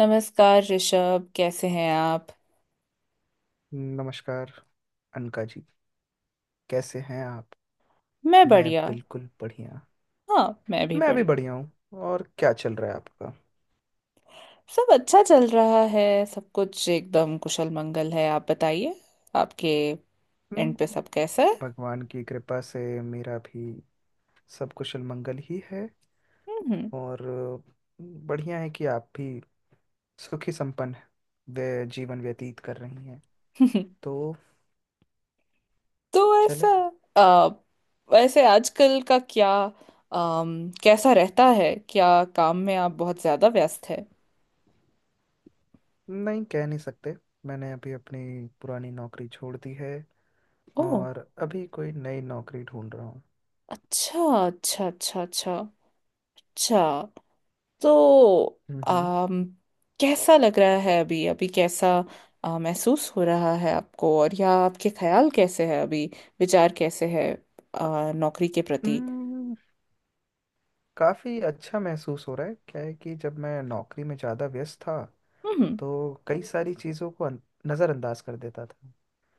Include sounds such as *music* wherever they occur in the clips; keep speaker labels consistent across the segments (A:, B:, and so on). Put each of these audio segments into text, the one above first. A: नमस्कार ऋषभ, कैसे हैं आप?
B: नमस्कार अनका जी। कैसे हैं आप?
A: मैं
B: मैं
A: बढ़िया।
B: बिल्कुल बढ़िया।
A: हाँ, मैं भी
B: मैं भी
A: बढ़िया।
B: बढ़िया हूँ। और क्या चल रहा है आपका?
A: सब अच्छा चल रहा है, सब कुछ एकदम कुशल मंगल है। आप बताइए आपके एंड
B: हम्म।
A: पे सब कैसा है?
B: भगवान की कृपा से मेरा भी सब कुशल मंगल ही है।
A: हम्म।
B: और बढ़िया है कि आप भी सुखी संपन्न वे जीवन व्यतीत कर रही हैं।
A: *laughs*
B: तो
A: तो ऐसा
B: चले।
A: आ, वैसे आजकल का क्या, कैसा रहता है? क्या काम में आप बहुत ज्यादा व्यस्त है?
B: नहीं, कह नहीं सकते। मैंने अभी अपनी पुरानी नौकरी छोड़ दी है।
A: ओह।
B: और अभी कोई नई नौकरी ढूंढ रहा हूँ।
A: अच्छा, अच्छा, अच्छा। अच्छा। अच्छा। तो
B: हम्म।
A: आम, कैसा लग रहा है अभी? अभी कैसा महसूस हो रहा है आपको? और या आपके ख्याल कैसे हैं अभी? विचार कैसे है नौकरी के प्रति?
B: हम्म। काफ़ी अच्छा महसूस हो रहा है। क्या है कि जब मैं नौकरी में ज़्यादा व्यस्त था
A: हम्म।
B: तो कई सारी चीज़ों को नज़रअंदाज कर देता था।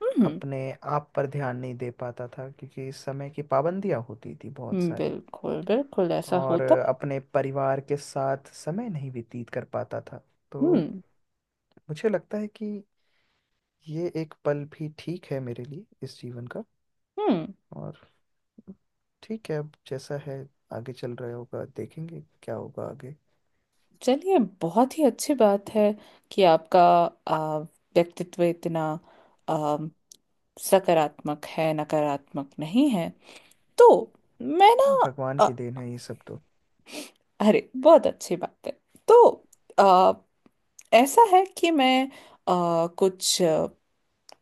A: हम्म।
B: अपने आप पर ध्यान नहीं दे पाता था क्योंकि समय की पाबंदियाँ होती थी बहुत सारी।
A: बिल्कुल बिल्कुल ऐसा
B: और
A: होता है।
B: अपने परिवार के साथ समय नहीं व्यतीत कर पाता था। तो
A: हम्म।
B: मुझे लगता है कि ये एक पल भी ठीक है मेरे लिए इस जीवन का।
A: हम्म।
B: और ठीक है, अब जैसा है आगे चल रहा होगा, देखेंगे क्या होगा आगे।
A: चलिए, बहुत ही अच्छी बात है कि आपका व्यक्तित्व इतना आ, सकारात्मक है, नकारात्मक नहीं है। तो मैं
B: भगवान
A: ना,
B: की देन है ये सब तो।
A: अरे बहुत अच्छी बात है। तो आ, ऐसा है कि मैं आ, कुछ अ,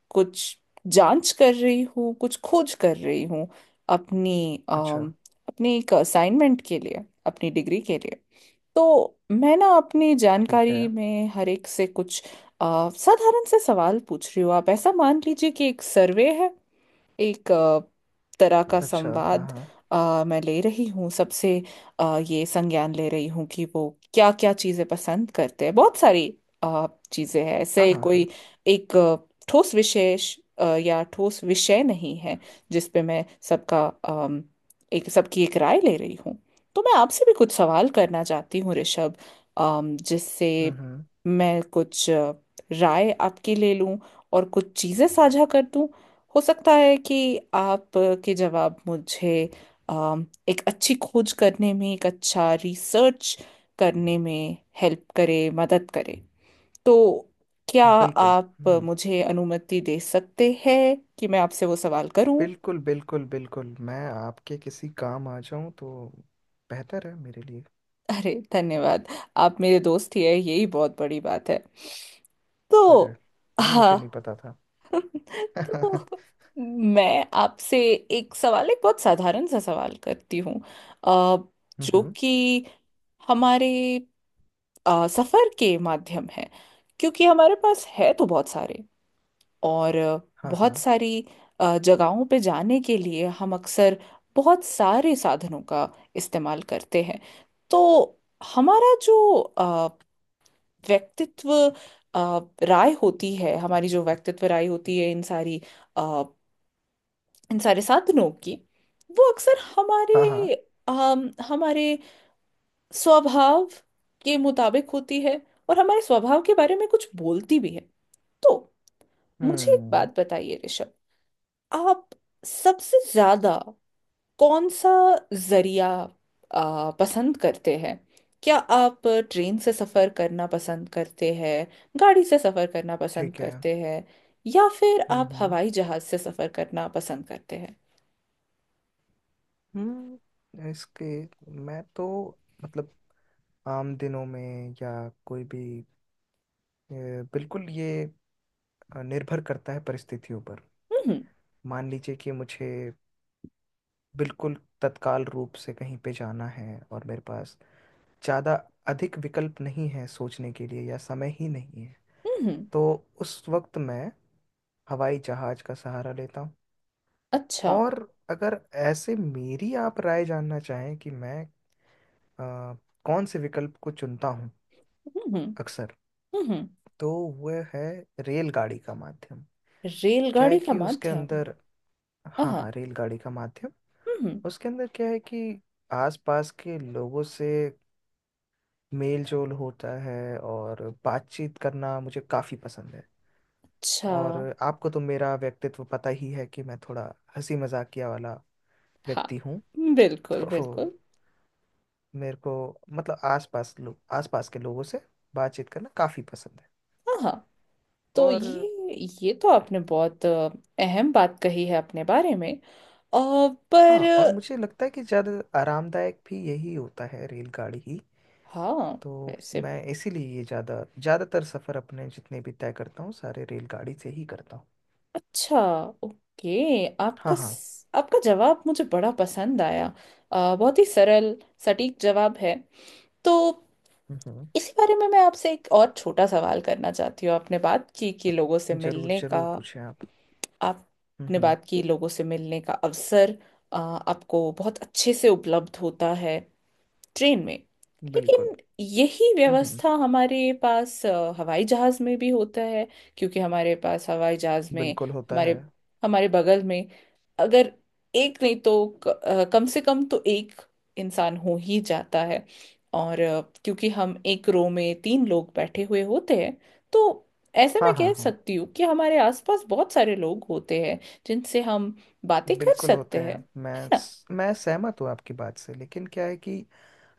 A: कुछ जांच कर रही हूँ, कुछ खोज कर रही हूँ अपनी
B: अच्छा।
A: अम, अपनी एक असाइनमेंट के लिए, अपनी डिग्री के लिए। तो मैं ना अपनी
B: ठीक है।
A: जानकारी में हर एक से कुछ साधारण से सवाल पूछ रही हूँ। आप ऐसा मान लीजिए कि एक सर्वे है, एक तरह का
B: अच्छा। हाँ,
A: संवाद
B: हाँ,
A: मैं ले रही हूँ सबसे, ये संज्ञान ले रही हूँ कि वो क्या क्या चीज़ें पसंद करते हैं। बहुत सारी चीज़ें हैं,
B: हाँ,
A: ऐसे
B: हाँ, हाँ।
A: कोई एक ठोस विशेष या ठोस विषय नहीं है जिस पे मैं सबका एक सबकी एक राय ले रही हूँ। तो मैं आपसे भी कुछ सवाल करना चाहती हूँ, ऋषभ, जिससे
B: हम्म। हम्म।
A: मैं कुछ राय आपकी ले लूँ और कुछ चीज़ें साझा कर दूँ। हो सकता है कि आपके जवाब मुझे एक अच्छी खोज करने में, एक अच्छा रिसर्च करने में हेल्प करे, मदद करे। तो क्या
B: बिल्कुल।
A: आप
B: हम्म।
A: मुझे अनुमति दे सकते हैं कि मैं आपसे वो सवाल करूं?
B: बिल्कुल बिल्कुल बिल्कुल, मैं आपके किसी काम आ जाऊं तो बेहतर है मेरे लिए।
A: अरे धन्यवाद। आप मेरे दोस्त ही है, यही बहुत बड़ी बात है।
B: अरे,
A: तो
B: ये मुझे नहीं
A: हाँ।
B: पता था।
A: *laughs* तो
B: *laughs* हम्म।
A: मैं आपसे एक सवाल, एक बहुत साधारण सा सवाल करती हूँ अ, जो
B: हम्म।
A: कि हमारे सफर के माध्यम है। क्योंकि हमारे पास है तो बहुत सारे, और
B: हाँ,
A: बहुत
B: हाँ,
A: सारी जगहों पे जाने के लिए हम अक्सर बहुत सारे साधनों का इस्तेमाल करते हैं। तो हमारा जो अ, व्यक्तित्व अ, राय होती है, हमारी जो व्यक्तित्व राय होती है इन सारी साढ़े 7 दिनों की, वो अक्सर
B: हाँ, हाँ।
A: हमारे स्वभाव के मुताबिक होती है और हमारे स्वभाव के बारे में कुछ बोलती भी है। तो मुझे एक
B: हम्म।
A: बात बताइए, ऋषभ। आप सबसे ज्यादा कौन सा जरिया पसंद करते हैं? क्या आप ट्रेन से सफर करना पसंद करते हैं, गाड़ी से सफर करना पसंद
B: ठीक है।
A: करते हैं, या फिर
B: हम्म।
A: आप
B: हम्म।
A: हवाई जहाज से सफर करना पसंद करते हैं?
B: इसके मैं तो मतलब आम दिनों में या कोई भी, अ, बिल्कुल ये निर्भर करता है परिस्थितियों पर।
A: हम्म।
B: मान लीजिए कि मुझे बिल्कुल तत्काल रूप से कहीं पे जाना है और मेरे पास ज़्यादा अधिक विकल्प नहीं है सोचने के लिए या समय ही नहीं है।
A: हम्म।
B: तो उस वक्त मैं हवाई जहाज का सहारा लेता हूँ।
A: अच्छा।
B: और अगर ऐसे मेरी आप राय जानना चाहें कि मैं अ, कौन से विकल्प को चुनता हूँ
A: हम्म। हम्म।
B: अक्सर,
A: हम्म।
B: तो वह है रेलगाड़ी का माध्यम। क्या है
A: रेलगाड़ी का
B: कि उसके
A: माध्यम।
B: अंदर। हाँ
A: आहा।
B: हाँ, रेलगाड़ी का माध्यम।
A: हम्म।
B: उसके अंदर क्या है कि आसपास के लोगों से मेल जोल होता है और बातचीत करना मुझे काफ़ी पसंद है।
A: अच्छा।
B: और आपको तो मेरा व्यक्तित्व पता ही है कि मैं थोड़ा हंसी मजाकिया वाला
A: हाँ,
B: व्यक्ति हूँ।
A: बिल्कुल
B: तो
A: बिल्कुल।
B: मेरे को मतलब आसपास लोग आसपास के लोगों से बातचीत करना काफ़ी पसंद है।
A: आहा। तो
B: और
A: ये तो आपने बहुत अहम बात कही है अपने बारे में। अ,
B: हाँ,
A: पर
B: और मुझे लगता है कि ज़्यादा आरामदायक भी यही होता है, रेलगाड़ी ही।
A: हाँ,
B: तो
A: वैसे
B: मैं इसीलिए ये ज़्यादातर सफ़र अपने जितने भी तय करता हूँ सारे रेलगाड़ी से ही करता हूँ।
A: अच्छा। ओके,
B: हाँ,
A: आपका
B: हाँ।
A: स- आपका जवाब मुझे बड़ा पसंद आया। बहुत ही सरल, सटीक जवाब है। तो
B: हम्म।
A: इसी बारे में मैं आपसे एक और छोटा सवाल करना चाहती हूँ। आपने बात की कि लोगों से
B: जरूर
A: मिलने का,
B: जरूर, पूछें आप।
A: आपने
B: हम्म।
A: बात की लोगों से मिलने का अवसर आपको बहुत अच्छे से उपलब्ध होता है ट्रेन में।
B: बिल्कुल।
A: लेकिन यही
B: हम्म।
A: व्यवस्था हमारे पास हवाई जहाज में भी होता है, क्योंकि हमारे पास हवाई जहाज में
B: बिल्कुल होता है।
A: हमारे हमारे बगल में अगर एक नहीं तो कम से कम तो एक इंसान हो ही जाता है। और क्योंकि हम एक रो में तीन लोग बैठे हुए होते हैं, तो ऐसे
B: हाँ,
A: मैं
B: हाँ,
A: कह
B: हाँ,
A: सकती हूँ कि हमारे आसपास बहुत सारे लोग होते हैं जिनसे हम बातें कर
B: बिल्कुल होते
A: सकते हैं,
B: हैं।
A: है
B: मैं
A: ना?
B: स- मैं सहमत हूँ आपकी बात से, लेकिन क्या है कि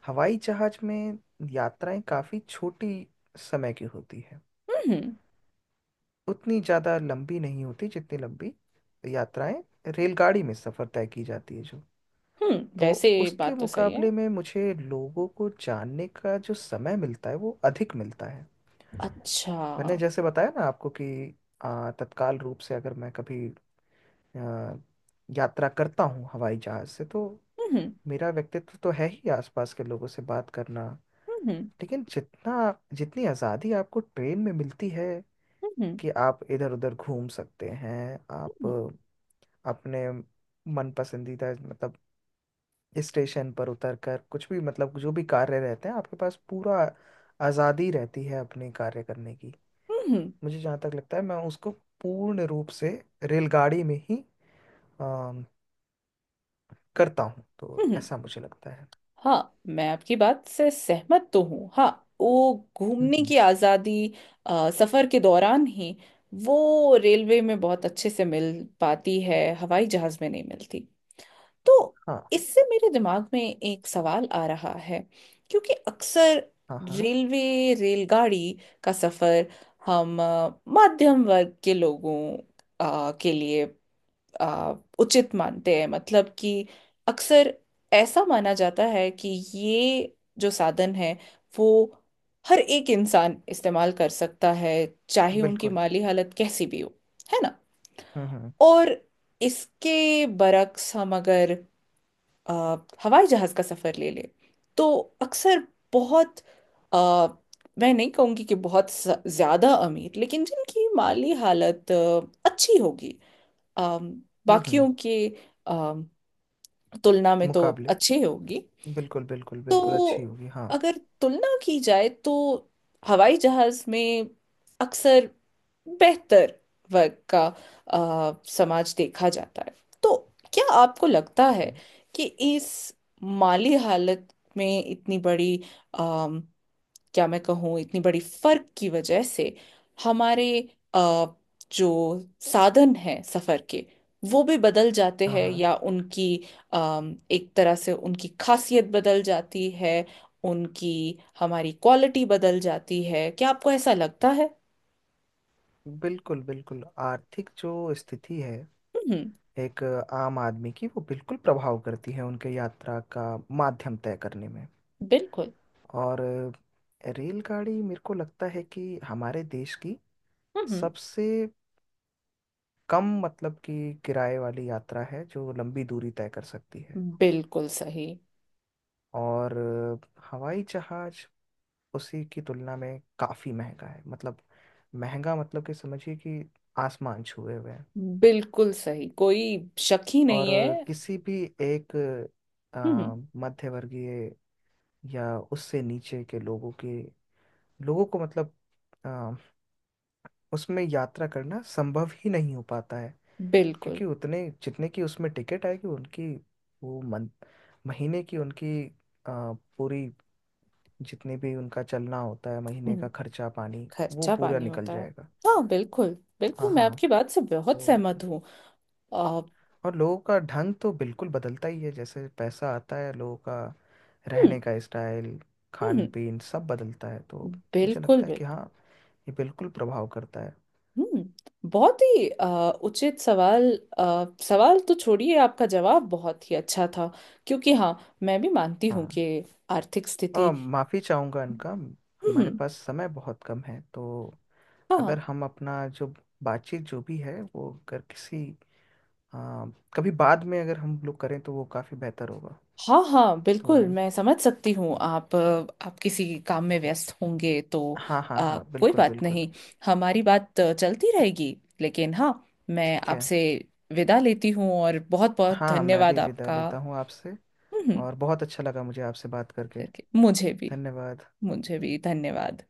B: हवाई जहाज में यात्राएं काफी छोटी समय की होती है,
A: हम्म। हम्म।
B: उतनी ज्यादा लंबी नहीं होती जितनी लंबी यात्राएं रेलगाड़ी में सफर तय की जाती है जो। तो
A: वैसे
B: उसके
A: बात तो सही है।
B: मुकाबले में मुझे लोगों को जानने का जो समय मिलता है वो अधिक मिलता है।
A: अच्छा।
B: मैंने जैसे बताया ना आपको कि तत्काल रूप से अगर मैं कभी अ, यात्रा करता हूँ हवाई जहाज से, तो
A: हम्म।
B: मेरा व्यक्तित्व तो है ही आसपास के लोगों से बात करना।
A: हम्म।
B: लेकिन जितना जितनी आज़ादी आपको ट्रेन में मिलती है
A: हम्म।
B: कि आप इधर उधर घूम सकते हैं। आप
A: हम्म।
B: अपने मन पसंदीदा मतलब स्टेशन पर उतर कर कुछ भी मतलब जो भी कार्य रहते हैं आपके पास, पूरा आज़ादी रहती है अपने कार्य करने की।
A: हम्म।
B: मुझे जहाँ तक लगता है मैं उसको पूर्ण रूप से रेलगाड़ी में ही अम, करता हूँ, तो
A: हम्म।
B: ऐसा मुझे लगता है।
A: हाँ, मैं आपकी बात से सहमत तो हूँ। हाँ, वो घूमने
B: हम्म,
A: की आज़ादी सफ़र के दौरान ही वो रेलवे में बहुत अच्छे से मिल पाती है, हवाई जहाज़ में नहीं मिलती। तो
B: हाँ,
A: इससे मेरे दिमाग में एक सवाल आ रहा है, क्योंकि अक्सर
B: हाँ, हाँ,
A: रेलवे, रेलगाड़ी का सफ़र हम मध्यम वर्ग के लोगों के लिए आ, उचित मानते हैं, मतलब कि अक्सर ऐसा माना जाता है कि ये जो साधन है वो हर एक इंसान इस्तेमाल कर सकता है, चाहे उनकी
B: बिल्कुल।
A: माली हालत कैसी भी हो, है ना?
B: हम्म। हम्म।
A: और इसके बरक्स हम अगर आ, हवाई जहाज का सफर ले लें, तो अक्सर बहुत आ, मैं नहीं कहूंगी कि बहुत ज्यादा अमीर, लेकिन जिनकी माली हालत अच्छी होगी, अम,
B: हम्म।
A: बाकियों के अम, तुलना में तो
B: मुकाबले,
A: अच्छी होगी।
B: बिल्कुल बिल्कुल बिल्कुल अच्छी
A: तो
B: होगी, हाँ।
A: अगर तुलना की जाए तो हवाई जहाज में अक्सर बेहतर वर्ग का समाज देखा जाता है। तो क्या आपको लगता है
B: हम्म,
A: कि इस माली हालत में इतनी बड़ी, क्या मैं कहूँ, इतनी बड़ी फर्क की वजह से हमारे अ, जो साधन हैं सफर के वो भी बदल जाते
B: हाँ,
A: हैं
B: हाँ,
A: या उनकी एक तरह से उनकी खासियत बदल जाती है, उनकी हमारी क्वालिटी बदल जाती है? क्या आपको ऐसा लगता है?
B: बिल्कुल बिल्कुल। आर्थिक जो स्थिति है
A: हम्म।
B: एक आम आदमी की वो बिल्कुल प्रभाव करती है उनके यात्रा का माध्यम तय करने में।
A: बिल्कुल।
B: और रेलगाड़ी मेरे को लगता है कि हमारे देश की
A: हम्म।
B: सबसे कम मतलब कि किराए वाली यात्रा है जो लंबी दूरी तय कर सकती है।
A: बिल्कुल सही।
B: और हवाई जहाज उसी की तुलना में काफ़ी महंगा है, मतलब महंगा मतलब कि समझिए कि आसमान छुए हुए हैं।
A: बिल्कुल सही, कोई शक ही
B: और
A: नहीं है।
B: किसी भी एक अ,
A: हम्म।
B: मध्यवर्गीय या उससे नीचे के लोगों को मतलब अ, उसमें यात्रा करना संभव ही नहीं हो पाता है।
A: बिल्कुल।
B: क्योंकि उतने जितने की उसमें टिकट आएगी उनकी, वो मन महीने की उनकी अ, पूरी जितने भी उनका चलना होता है महीने का
A: हम्म।
B: खर्चा पानी वो
A: खर्चा
B: पूरा
A: पानी
B: निकल
A: होता है।
B: जाएगा।
A: हाँ, बिल्कुल
B: हाँ,
A: बिल्कुल, मैं
B: हाँ।
A: आपकी बात से बहुत
B: तो
A: सहमत हूँ। आ,
B: और लोगों का ढंग तो बिल्कुल बदलता ही है, जैसे पैसा आता है लोगों का
A: हम्म।
B: रहने का स्टाइल
A: हम्म।
B: खान पीन सब बदलता है। तो मुझे
A: बिल्कुल
B: लगता है
A: बिल्कुल।
B: कि हाँ, ये बिल्कुल प्रभाव करता है।
A: हम्म, बहुत ही उचित सवाल, सवाल तो छोड़िए, आपका जवाब बहुत ही अच्छा था। क्योंकि हाँ, मैं भी मानती हूँ
B: हाँ,
A: कि आर्थिक स्थिति।
B: और माफ़ी चाहूँगा इनका, हमारे
A: हम्म।
B: पास समय बहुत कम है। तो अगर
A: हाँ,
B: हम अपना जो बातचीत जो भी है वो अगर किसी, हाँ, कभी बाद में अगर हम लोग करें तो वो काफ़ी बेहतर होगा।
A: हाँ, हाँ,
B: तो
A: बिल्कुल, मैं समझ सकती हूँ। आप किसी काम में व्यस्त होंगे तो
B: हाँ, हाँ, हाँ,
A: कोई
B: बिल्कुल
A: बात
B: बिल्कुल।
A: नहीं, हमारी बात चलती रहेगी, लेकिन हाँ, मैं
B: ठीक है।
A: आपसे विदा लेती हूँ और बहुत बहुत
B: हाँ, मैं
A: धन्यवाद
B: भी विदा
A: आपका।
B: लेता हूँ आपसे।
A: हम्म।
B: और बहुत अच्छा लगा मुझे आपसे बात करके।
A: करके मुझे भी।
B: धन्यवाद।
A: मुझे भी धन्यवाद।